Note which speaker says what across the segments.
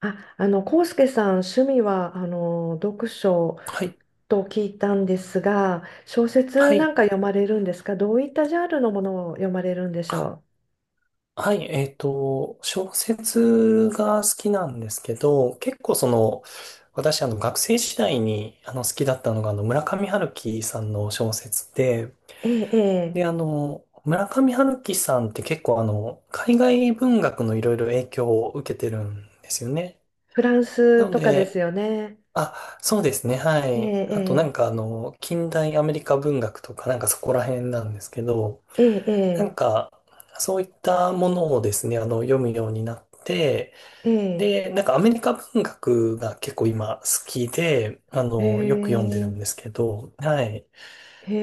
Speaker 1: あ、康介さん、趣味は、読書
Speaker 2: はい。
Speaker 1: と聞いたんですが、小説
Speaker 2: は
Speaker 1: なん
Speaker 2: い。
Speaker 1: か読まれるんですか？どういったジャンルのものを読まれるんでし
Speaker 2: あ、
Speaker 1: ょ
Speaker 2: はい。小説が好きなんですけど、結構私、学生時代に、好きだったのが、村上春樹さんの小説で、
Speaker 1: う？ええ、ええ、
Speaker 2: で、村上春樹さんって結構、海外文学のいろいろ影響を受けてるんですよね。
Speaker 1: フランス
Speaker 2: なの
Speaker 1: とかです
Speaker 2: で、
Speaker 1: よね。
Speaker 2: あ、そうですね。は
Speaker 1: え
Speaker 2: い。あと、な
Speaker 1: え、
Speaker 2: んか、近代アメリカ文学とか、なんかそこら辺なんですけど、
Speaker 1: ええ、え
Speaker 2: なん
Speaker 1: え、
Speaker 2: か、そういったものをですね、読むようになって、
Speaker 1: ええ、
Speaker 2: で、なんかアメリカ文学が結構今好きで、
Speaker 1: ええ、
Speaker 2: よく読
Speaker 1: へ
Speaker 2: んでるんですけど、はい。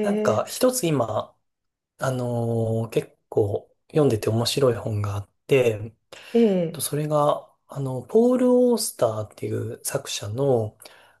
Speaker 2: なんか、一つ今、結構読んでて面白い本があって、
Speaker 1: ええ、
Speaker 2: それが、ポール・オースターっていう作者の、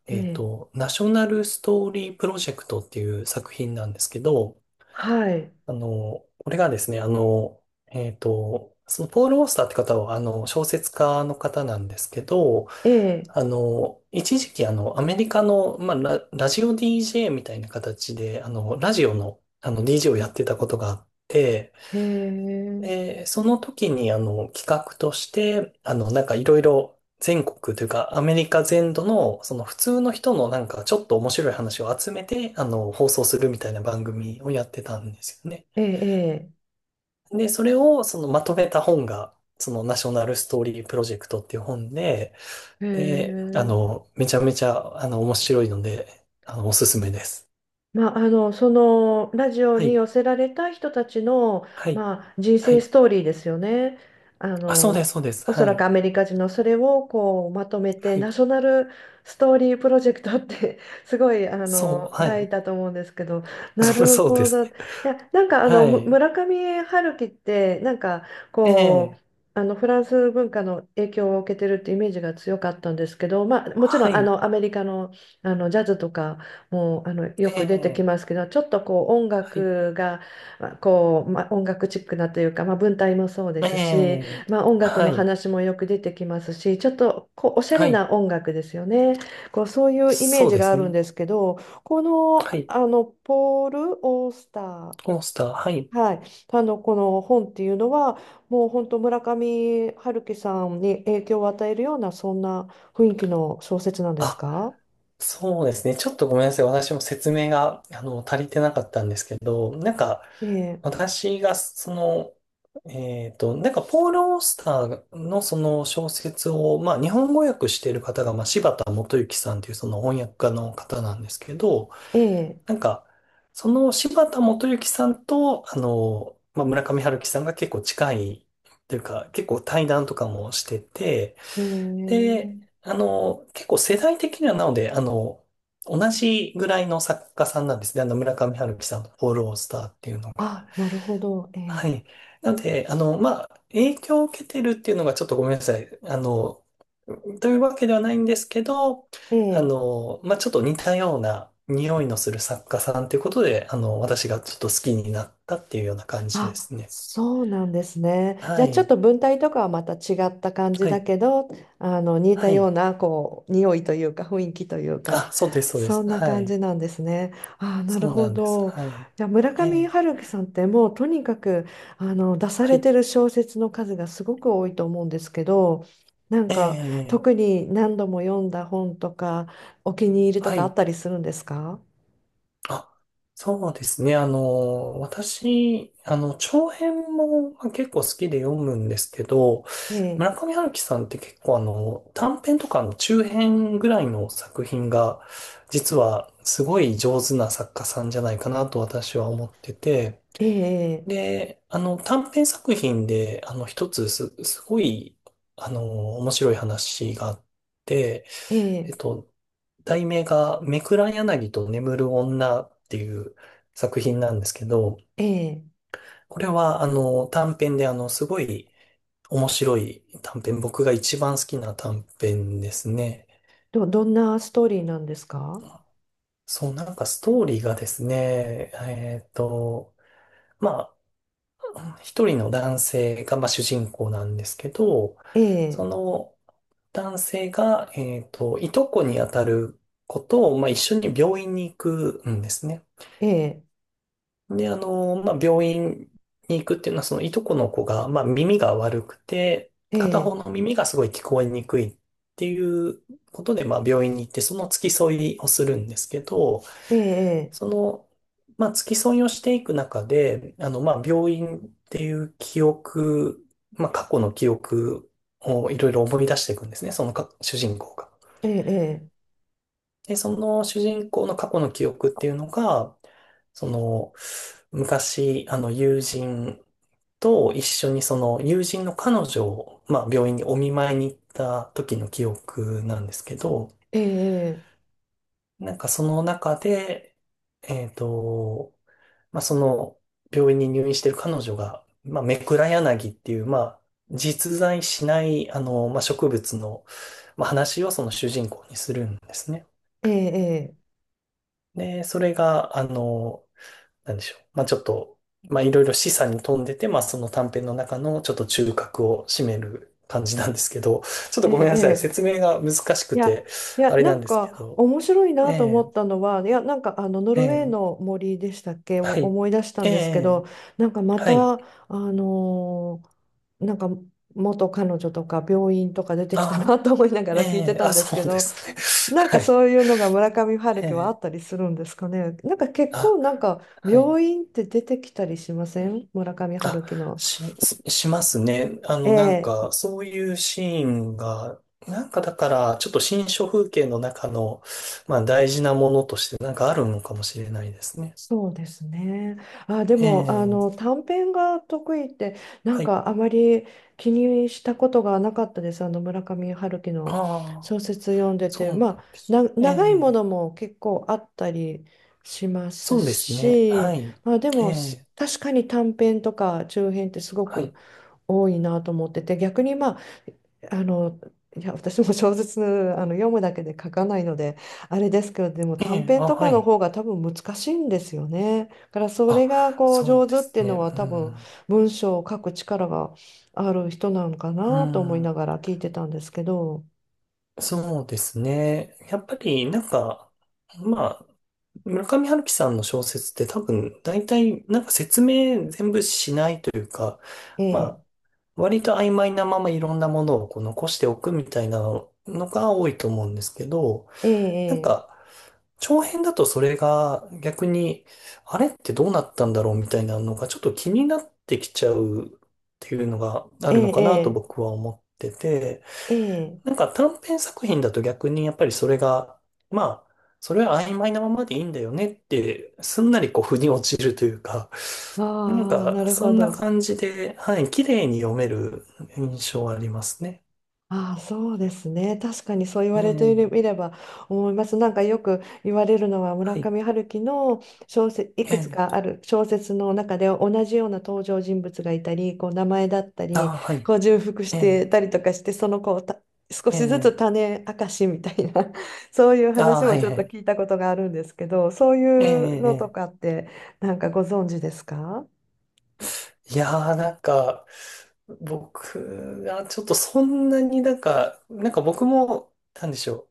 Speaker 1: ええ、
Speaker 2: ナショナルストーリープロジェクトっていう作品なんですけど、
Speaker 1: はい、
Speaker 2: これがですね、そのポール・オースターって方は、小説家の方なんですけど、
Speaker 1: ええ、
Speaker 2: 一時期、アメリカの、まあ、ラジオ DJ みたいな形で、ラジオの、DJ をやってたことがあって、
Speaker 1: ええ、
Speaker 2: で、その時に、企画として、なんかいろいろ全国というか、アメリカ全土の、その普通の人のなんかちょっと面白い話を集めて、放送するみたいな番組をやってたんですよね。
Speaker 1: ええ、
Speaker 2: で、それをそのまとめた本が、そのナショナルストーリープロジェクトっていう本で、
Speaker 1: ええ、へ
Speaker 2: で、
Speaker 1: え
Speaker 2: めちゃめちゃ、面白いので、おすすめです。
Speaker 1: まあ、そのラジオ
Speaker 2: は
Speaker 1: に
Speaker 2: い。
Speaker 1: 寄せられた人たちの、
Speaker 2: はい。
Speaker 1: まあ、人
Speaker 2: は
Speaker 1: 生ス
Speaker 2: い。
Speaker 1: トーリーですよね。あ
Speaker 2: あ、そうで
Speaker 1: の、
Speaker 2: す、そうです。
Speaker 1: おそ
Speaker 2: は
Speaker 1: らく
Speaker 2: い。
Speaker 1: アメリカ人のそれをこうまとめて
Speaker 2: は
Speaker 1: ナ
Speaker 2: い。
Speaker 1: ショナルストーリープロジェクトって すごい
Speaker 2: そう、は
Speaker 1: 題
Speaker 2: い。
Speaker 1: だと思うんですけど、な る
Speaker 2: そうで
Speaker 1: ほ
Speaker 2: す
Speaker 1: ど。い
Speaker 2: ね。
Speaker 1: や、なんかあ
Speaker 2: は
Speaker 1: のむ
Speaker 2: い。
Speaker 1: 村上春樹ってなんか
Speaker 2: え
Speaker 1: こう
Speaker 2: え、
Speaker 1: フランス文化の影響を受けてるってイメージが強かったんですけど、まあ、もちろ
Speaker 2: は
Speaker 1: ん
Speaker 2: い。
Speaker 1: アメリカの、ジャズとかもうよ
Speaker 2: え
Speaker 1: く出てき
Speaker 2: え、
Speaker 1: ますけどちょっとこう音
Speaker 2: はい。
Speaker 1: 楽がまあこう、まあ、音楽チックなというか、まあ、文体もそうで
Speaker 2: え
Speaker 1: すし、
Speaker 2: え、
Speaker 1: まあ、音楽
Speaker 2: は
Speaker 1: の
Speaker 2: い。
Speaker 1: 話もよく出てきますしちょっとこうおしゃ
Speaker 2: は
Speaker 1: れ
Speaker 2: い。
Speaker 1: な音楽ですよねこうそういうイメー
Speaker 2: そう
Speaker 1: ジ
Speaker 2: で
Speaker 1: があ
Speaker 2: す
Speaker 1: るん
Speaker 2: ね。
Speaker 1: ですけどこの、
Speaker 2: はい。
Speaker 1: ポール・オースター、
Speaker 2: コースター、はい。
Speaker 1: はい、この本っていうのはもう本当村上春樹さんに影響を与えるようなそんな雰囲気の小説なんです
Speaker 2: あ、
Speaker 1: か？
Speaker 2: そうですね。ちょっとごめんなさい。私も説明が、足りてなかったんですけど、なんか、
Speaker 1: ええ
Speaker 2: 私が、なんか、ポール・オースターのその小説を、まあ、日本語訳している方が、まあ、柴田元幸さんというその翻訳家の方なんですけど、
Speaker 1: ええ
Speaker 2: なんか、その柴田元幸さんと、まあ、村上春樹さんが結構近いというか、結構対談とかもしてて、
Speaker 1: へ
Speaker 2: で、
Speaker 1: え。
Speaker 2: 結構世代的にはなので、同じぐらいの作家さんなんですね。村上春樹さんのフォロースターっていうのが。
Speaker 1: あ、なるほど。ええ。
Speaker 2: はい。なので、まあ、影響を受けてるっていうのがちょっとごめんなさい。というわけではないんですけど、
Speaker 1: ええ。
Speaker 2: まあ、ちょっと似たような匂いのする作家さんということで、私がちょっと好きになったっていうような感じで
Speaker 1: あ、
Speaker 2: すね。
Speaker 1: そうなんですね。じ
Speaker 2: は
Speaker 1: ゃあちょっ
Speaker 2: い。
Speaker 1: と文体とかはまた違った感じ
Speaker 2: は
Speaker 1: だ
Speaker 2: い。
Speaker 1: けど、似た
Speaker 2: は
Speaker 1: よう
Speaker 2: い。
Speaker 1: なこう匂いというか雰囲気というか、
Speaker 2: あ、そうです、そうで
Speaker 1: そ
Speaker 2: す。
Speaker 1: んな
Speaker 2: は
Speaker 1: 感
Speaker 2: い。
Speaker 1: じなんですね。あ、なる
Speaker 2: そうな
Speaker 1: ほ
Speaker 2: んです。
Speaker 1: ど。
Speaker 2: はい。
Speaker 1: じゃあ村
Speaker 2: え
Speaker 1: 上
Speaker 2: え、
Speaker 1: 春樹さんってもうとにかく出さ
Speaker 2: は
Speaker 1: れ
Speaker 2: い。
Speaker 1: てる小説の数がすごく多いと思うんですけど、なん
Speaker 2: え
Speaker 1: か
Speaker 2: え、
Speaker 1: 特に何度も読んだ本とかお気に入りと
Speaker 2: は
Speaker 1: かあ
Speaker 2: い。
Speaker 1: ったりするんですか？
Speaker 2: あ、そうですね。私、長編もまあ結構好きで読むんですけど、
Speaker 1: え
Speaker 2: 村
Speaker 1: え
Speaker 2: 上春樹さんって結構短編とかの中編ぐらいの作品が、実はすごい上手な作家さんじゃないかなと私は思ってて、
Speaker 1: ええ、
Speaker 2: で、短編作品で、一つすごい、面白い話があって、
Speaker 1: え
Speaker 2: えっ
Speaker 1: え、
Speaker 2: と、題名が、めくら柳と眠る女っていう作品なんですけど、
Speaker 1: ええ、
Speaker 2: これは、短編で、すごい面白い短編、僕が一番好きな短編ですね。
Speaker 1: どんなストーリーなんですか？
Speaker 2: そう、なんかストーリーがですね、まあ、一人の男性が、まあ、主人公なんですけど、
Speaker 1: え
Speaker 2: そ
Speaker 1: え、
Speaker 2: の男性が、いとこにあたる子と、まあ、一緒に病院に行くんですね。
Speaker 1: ええ、
Speaker 2: で、まあ、病院に行くっていうのは、そのいとこの子が、まあ、耳が悪くて、
Speaker 1: え
Speaker 2: 片方
Speaker 1: え、
Speaker 2: の耳がすごい聞こえにくいっていうことで、まあ、病院に行って、その付き添いをするんですけど、
Speaker 1: ええ、
Speaker 2: その、まあ、付き添いをしていく中で、まあ、病院っていう記憶、まあ、過去の記憶をいろいろ思い出していくんですね、そのか主人公が。
Speaker 1: ええ、
Speaker 2: で、その主人公の過去の記憶っていうのが、その、昔、友人と一緒にその友人の彼女を、まあ、病院にお見舞いに行った時の記憶なんですけど、
Speaker 1: ええ、ええ、
Speaker 2: なんかその中で、えっと、まあ、その病院に入院してる彼女が、まあ、メクラヤナギっていう、まあ、実在しない、まあ、植物の、まあ、話をその主人公にするんですね。
Speaker 1: ええ、
Speaker 2: で、それが、なんでしょう。まあちょっと、まあいろいろ示唆に富んでて、まあその短編の中のちょっと中核を占める感じなんですけど、ちょっと
Speaker 1: え
Speaker 2: ごめんなさい。
Speaker 1: え、
Speaker 2: 説明が難しく
Speaker 1: いや、
Speaker 2: て、
Speaker 1: い
Speaker 2: あ
Speaker 1: や、
Speaker 2: れ
Speaker 1: な
Speaker 2: なん
Speaker 1: ん
Speaker 2: ですけ
Speaker 1: か
Speaker 2: ど。
Speaker 1: 面白いなと思
Speaker 2: ええ、
Speaker 1: ったのは、いや、なんかノ
Speaker 2: え
Speaker 1: ルウェー
Speaker 2: え、
Speaker 1: の森でしたっけを
Speaker 2: はい。
Speaker 1: 思い出した
Speaker 2: え
Speaker 1: んですけ
Speaker 2: え、
Speaker 1: ど、なんかま
Speaker 2: は
Speaker 1: た、
Speaker 2: い。
Speaker 1: のなんか元彼女とか病院とか出て
Speaker 2: あ
Speaker 1: きたな
Speaker 2: あ、
Speaker 1: と思いながら聞いて
Speaker 2: ええ、
Speaker 1: た
Speaker 2: あ、
Speaker 1: んです
Speaker 2: そ
Speaker 1: け
Speaker 2: うで
Speaker 1: ど、
Speaker 2: すね。
Speaker 1: なん
Speaker 2: は
Speaker 1: か
Speaker 2: い。
Speaker 1: そういうのが村上春
Speaker 2: え
Speaker 1: 樹はあ
Speaker 2: え、
Speaker 1: ったりするんですかね。なんか結構
Speaker 2: あ、
Speaker 1: なんか
Speaker 2: はい。
Speaker 1: 病院って出てきたりしません村上
Speaker 2: あ、
Speaker 1: 春樹の？
Speaker 2: ししますね。
Speaker 1: え
Speaker 2: なん
Speaker 1: え、
Speaker 2: か、そういうシーンが、なんかだから、ちょっと新書風景の中の、まあ、大事なものとして、なんかあるのかもしれないですね。
Speaker 1: そうですね。あ、で
Speaker 2: え
Speaker 1: も
Speaker 2: え、
Speaker 1: 短編が得意ってなん
Speaker 2: はい。
Speaker 1: かあまり気にしたことがなかったです。村上春樹の
Speaker 2: ああ、
Speaker 1: 小説読んで
Speaker 2: そ
Speaker 1: て、
Speaker 2: うな
Speaker 1: ま
Speaker 2: ん
Speaker 1: あ
Speaker 2: です。え
Speaker 1: 長いも
Speaker 2: え、
Speaker 1: のも結構あったりします
Speaker 2: そうですね。は
Speaker 1: し、
Speaker 2: い。
Speaker 1: まあで
Speaker 2: え
Speaker 1: も
Speaker 2: え、
Speaker 1: 確かに短編とか中編ってすご
Speaker 2: は
Speaker 1: く
Speaker 2: い。
Speaker 1: 多いなと思ってて逆にまああのいや私も小説読むだけで書かないのであれですけどでも
Speaker 2: え
Speaker 1: 短
Speaker 2: え、
Speaker 1: 編
Speaker 2: あ、
Speaker 1: と
Speaker 2: は
Speaker 1: かの
Speaker 2: い。
Speaker 1: 方が多分難しいんですよね。だからそれ
Speaker 2: あ、
Speaker 1: がこう
Speaker 2: そ
Speaker 1: 上
Speaker 2: うで
Speaker 1: 手っ
Speaker 2: す
Speaker 1: ていう
Speaker 2: ね。
Speaker 1: のは
Speaker 2: う
Speaker 1: 多分
Speaker 2: ん。
Speaker 1: 文章を書く力がある人なのか
Speaker 2: う
Speaker 1: なと思い
Speaker 2: ん。
Speaker 1: ながら聞いてたんですけど。
Speaker 2: そうですね。やっぱり、なんか、まあ、村上春樹さんの小説って多分、大体、なんか説明全部しないというか、ま
Speaker 1: え
Speaker 2: あ、
Speaker 1: え
Speaker 2: 割と曖昧なままいろんなものをこう残しておくみたいなのが多いと思うんですけど、なん
Speaker 1: ええ
Speaker 2: か、長編だとそれが逆に、あれってどうなったんだろうみたいなのがちょっと気になってきちゃうっていうのがあるのかなと
Speaker 1: ええ
Speaker 2: 僕は思ってて、
Speaker 1: ええ
Speaker 2: な
Speaker 1: ええ
Speaker 2: んか短編作品だと逆にやっぱりそれが、まあ、それは曖昧なままでいいんだよねって、すんなりこう腑に落ちるというか、なん
Speaker 1: ああ
Speaker 2: か
Speaker 1: なる
Speaker 2: そ
Speaker 1: ほ
Speaker 2: んな
Speaker 1: ど。
Speaker 2: 感じで、はい、綺麗に読める印象はありますね。
Speaker 1: ああ、そうですね。確かにそう言
Speaker 2: え
Speaker 1: われて
Speaker 2: え、
Speaker 1: みれば思います。なんかよく言われるのは村
Speaker 2: はい、
Speaker 1: 上春樹の小説、い
Speaker 2: え
Speaker 1: くつか
Speaker 2: え、
Speaker 1: ある小説の中で同じような登場人物がいたり、こう名前だった
Speaker 2: あ
Speaker 1: り、
Speaker 2: あ、はい、
Speaker 1: こう重複し
Speaker 2: え
Speaker 1: て
Speaker 2: え、
Speaker 1: たりとかして、そのこう少
Speaker 2: え
Speaker 1: しずつ
Speaker 2: え、
Speaker 1: 種明かしみたいな、そういう
Speaker 2: ああ、
Speaker 1: 話
Speaker 2: は
Speaker 1: も
Speaker 2: い、
Speaker 1: ちょっ
Speaker 2: は
Speaker 1: と
Speaker 2: い、
Speaker 1: 聞いたことがあるんですけど、そう
Speaker 2: ええ、
Speaker 1: いうのとか
Speaker 2: え
Speaker 1: ってなんかご存知ですか？
Speaker 2: え、いやー、なんか、僕がちょっとそんなになんか、なんか僕も、なんでしょう。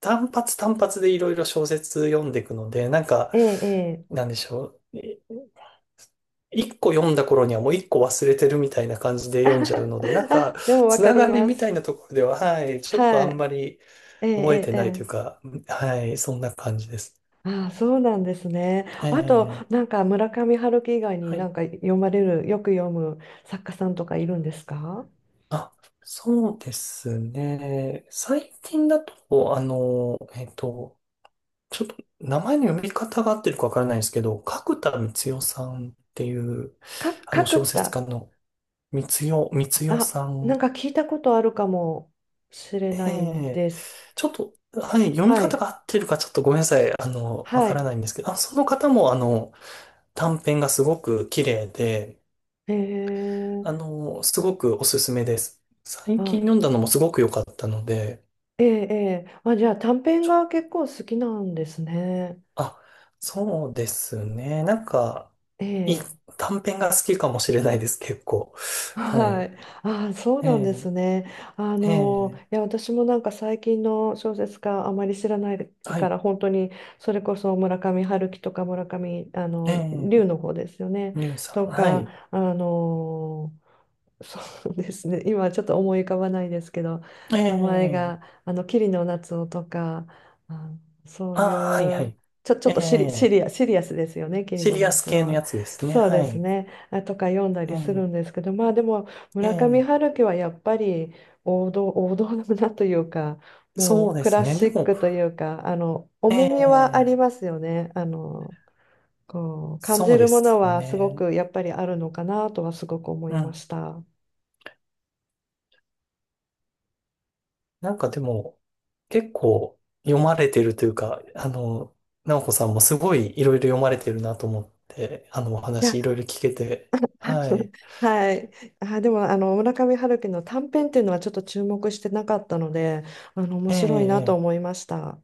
Speaker 2: 単発単発でいろいろ小説読んでいくので、なんか、
Speaker 1: ええ、ええ。
Speaker 2: なんでしょう。一個読んだ頃にはもう一個忘れてるみたいな感じで読んじゃうので、な んか、
Speaker 1: あ、でもわ
Speaker 2: つ
Speaker 1: か
Speaker 2: な
Speaker 1: り
Speaker 2: がり
Speaker 1: ま
Speaker 2: みたい
Speaker 1: す。
Speaker 2: なところでは、はい、ちょっと
Speaker 1: は
Speaker 2: あんま
Speaker 1: い。
Speaker 2: り
Speaker 1: ええ、
Speaker 2: 覚えて
Speaker 1: ええ、え
Speaker 2: ないという
Speaker 1: え。
Speaker 2: か、はい、そんな感じです。
Speaker 1: ああ、そうなんですね。
Speaker 2: え
Speaker 1: あと、
Speaker 2: え、
Speaker 1: なんか村上春樹以外に
Speaker 2: は
Speaker 1: な
Speaker 2: い。
Speaker 1: んか読まれる、よく読む作家さんとかいるんですか？
Speaker 2: あ、そうですね。最近だと、ちょっと名前の読み方が合ってるかわからないんですけど、角田光代さんっていう、あの
Speaker 1: 角
Speaker 2: 小説
Speaker 1: 田。
Speaker 2: 家のみつよ、みつよ
Speaker 1: あ、
Speaker 2: さ
Speaker 1: なん
Speaker 2: ん。
Speaker 1: か聞いたことあるかもしれ
Speaker 2: え
Speaker 1: ない
Speaker 2: え、
Speaker 1: です。
Speaker 2: ちょっと、はい、読み
Speaker 1: は
Speaker 2: 方
Speaker 1: い。
Speaker 2: が合ってるかちょっとごめんなさい。わ
Speaker 1: は
Speaker 2: から
Speaker 1: い。
Speaker 2: ないんですけど、あ、その方も、短編がすごく綺麗で、
Speaker 1: ええ
Speaker 2: すごくおすすめです。最
Speaker 1: あ、
Speaker 2: 近読んだのもすごく良かったので、
Speaker 1: ええええあ、じゃあ短編が結構好きなんですね。
Speaker 2: あ、そうですね。なんか、
Speaker 1: え
Speaker 2: いい、
Speaker 1: え
Speaker 2: 短編が好きかもしれないです、結構。はい。
Speaker 1: はい。あ、そう
Speaker 2: え
Speaker 1: なんで
Speaker 2: え、
Speaker 1: すね。
Speaker 2: ええ、
Speaker 1: いや、私もなんか最近の小説家あまり知らない
Speaker 2: は
Speaker 1: か
Speaker 2: い。
Speaker 1: ら、本当にそれこそ村上春樹とか村上、
Speaker 2: え
Speaker 1: 龍
Speaker 2: え、
Speaker 1: の方ですよね。
Speaker 2: りゅうさ
Speaker 1: と
Speaker 2: ん。はい。
Speaker 1: か、そうですね。今はちょっと思い浮かばないですけど、
Speaker 2: え
Speaker 1: 名前が、
Speaker 2: え、
Speaker 1: 桐野夏生とか、あそう
Speaker 2: あ
Speaker 1: い
Speaker 2: あ、はいは
Speaker 1: う、
Speaker 2: い。
Speaker 1: ちょ
Speaker 2: え
Speaker 1: っと
Speaker 2: え、
Speaker 1: シリアスですよね、桐
Speaker 2: シ
Speaker 1: 野
Speaker 2: リアス
Speaker 1: 夏生
Speaker 2: 系の
Speaker 1: は。
Speaker 2: やつですね。
Speaker 1: そうで
Speaker 2: は
Speaker 1: す
Speaker 2: い。
Speaker 1: ね。あとか読んだ
Speaker 2: え
Speaker 1: りす
Speaker 2: え、
Speaker 1: るんですけど、まあでも、村上
Speaker 2: え
Speaker 1: 春樹はやっぱり王道、王道だなというか、
Speaker 2: え、
Speaker 1: も
Speaker 2: そう
Speaker 1: う
Speaker 2: で
Speaker 1: ク
Speaker 2: す
Speaker 1: ラ
Speaker 2: ね。
Speaker 1: シ
Speaker 2: で
Speaker 1: ッ
Speaker 2: も、
Speaker 1: クというか、
Speaker 2: え
Speaker 1: 重みはあり
Speaker 2: え、
Speaker 1: ますよね。感
Speaker 2: そう
Speaker 1: じ
Speaker 2: で
Speaker 1: るもの
Speaker 2: す
Speaker 1: はすご
Speaker 2: ね。
Speaker 1: くやっぱりあるのかなとはすごく思
Speaker 2: う
Speaker 1: いま
Speaker 2: ん。
Speaker 1: した。
Speaker 2: なんかでも、結構読まれてるというか、直子さんもすごいいろいろ読まれてるなと思って、お
Speaker 1: いや
Speaker 2: 話いろいろ聞けて、はい。
Speaker 1: はい。あ、でも、村上春樹の短編っていうのはちょっと注目してなかったので、面
Speaker 2: え
Speaker 1: 白いなと
Speaker 2: え、え
Speaker 1: 思いました。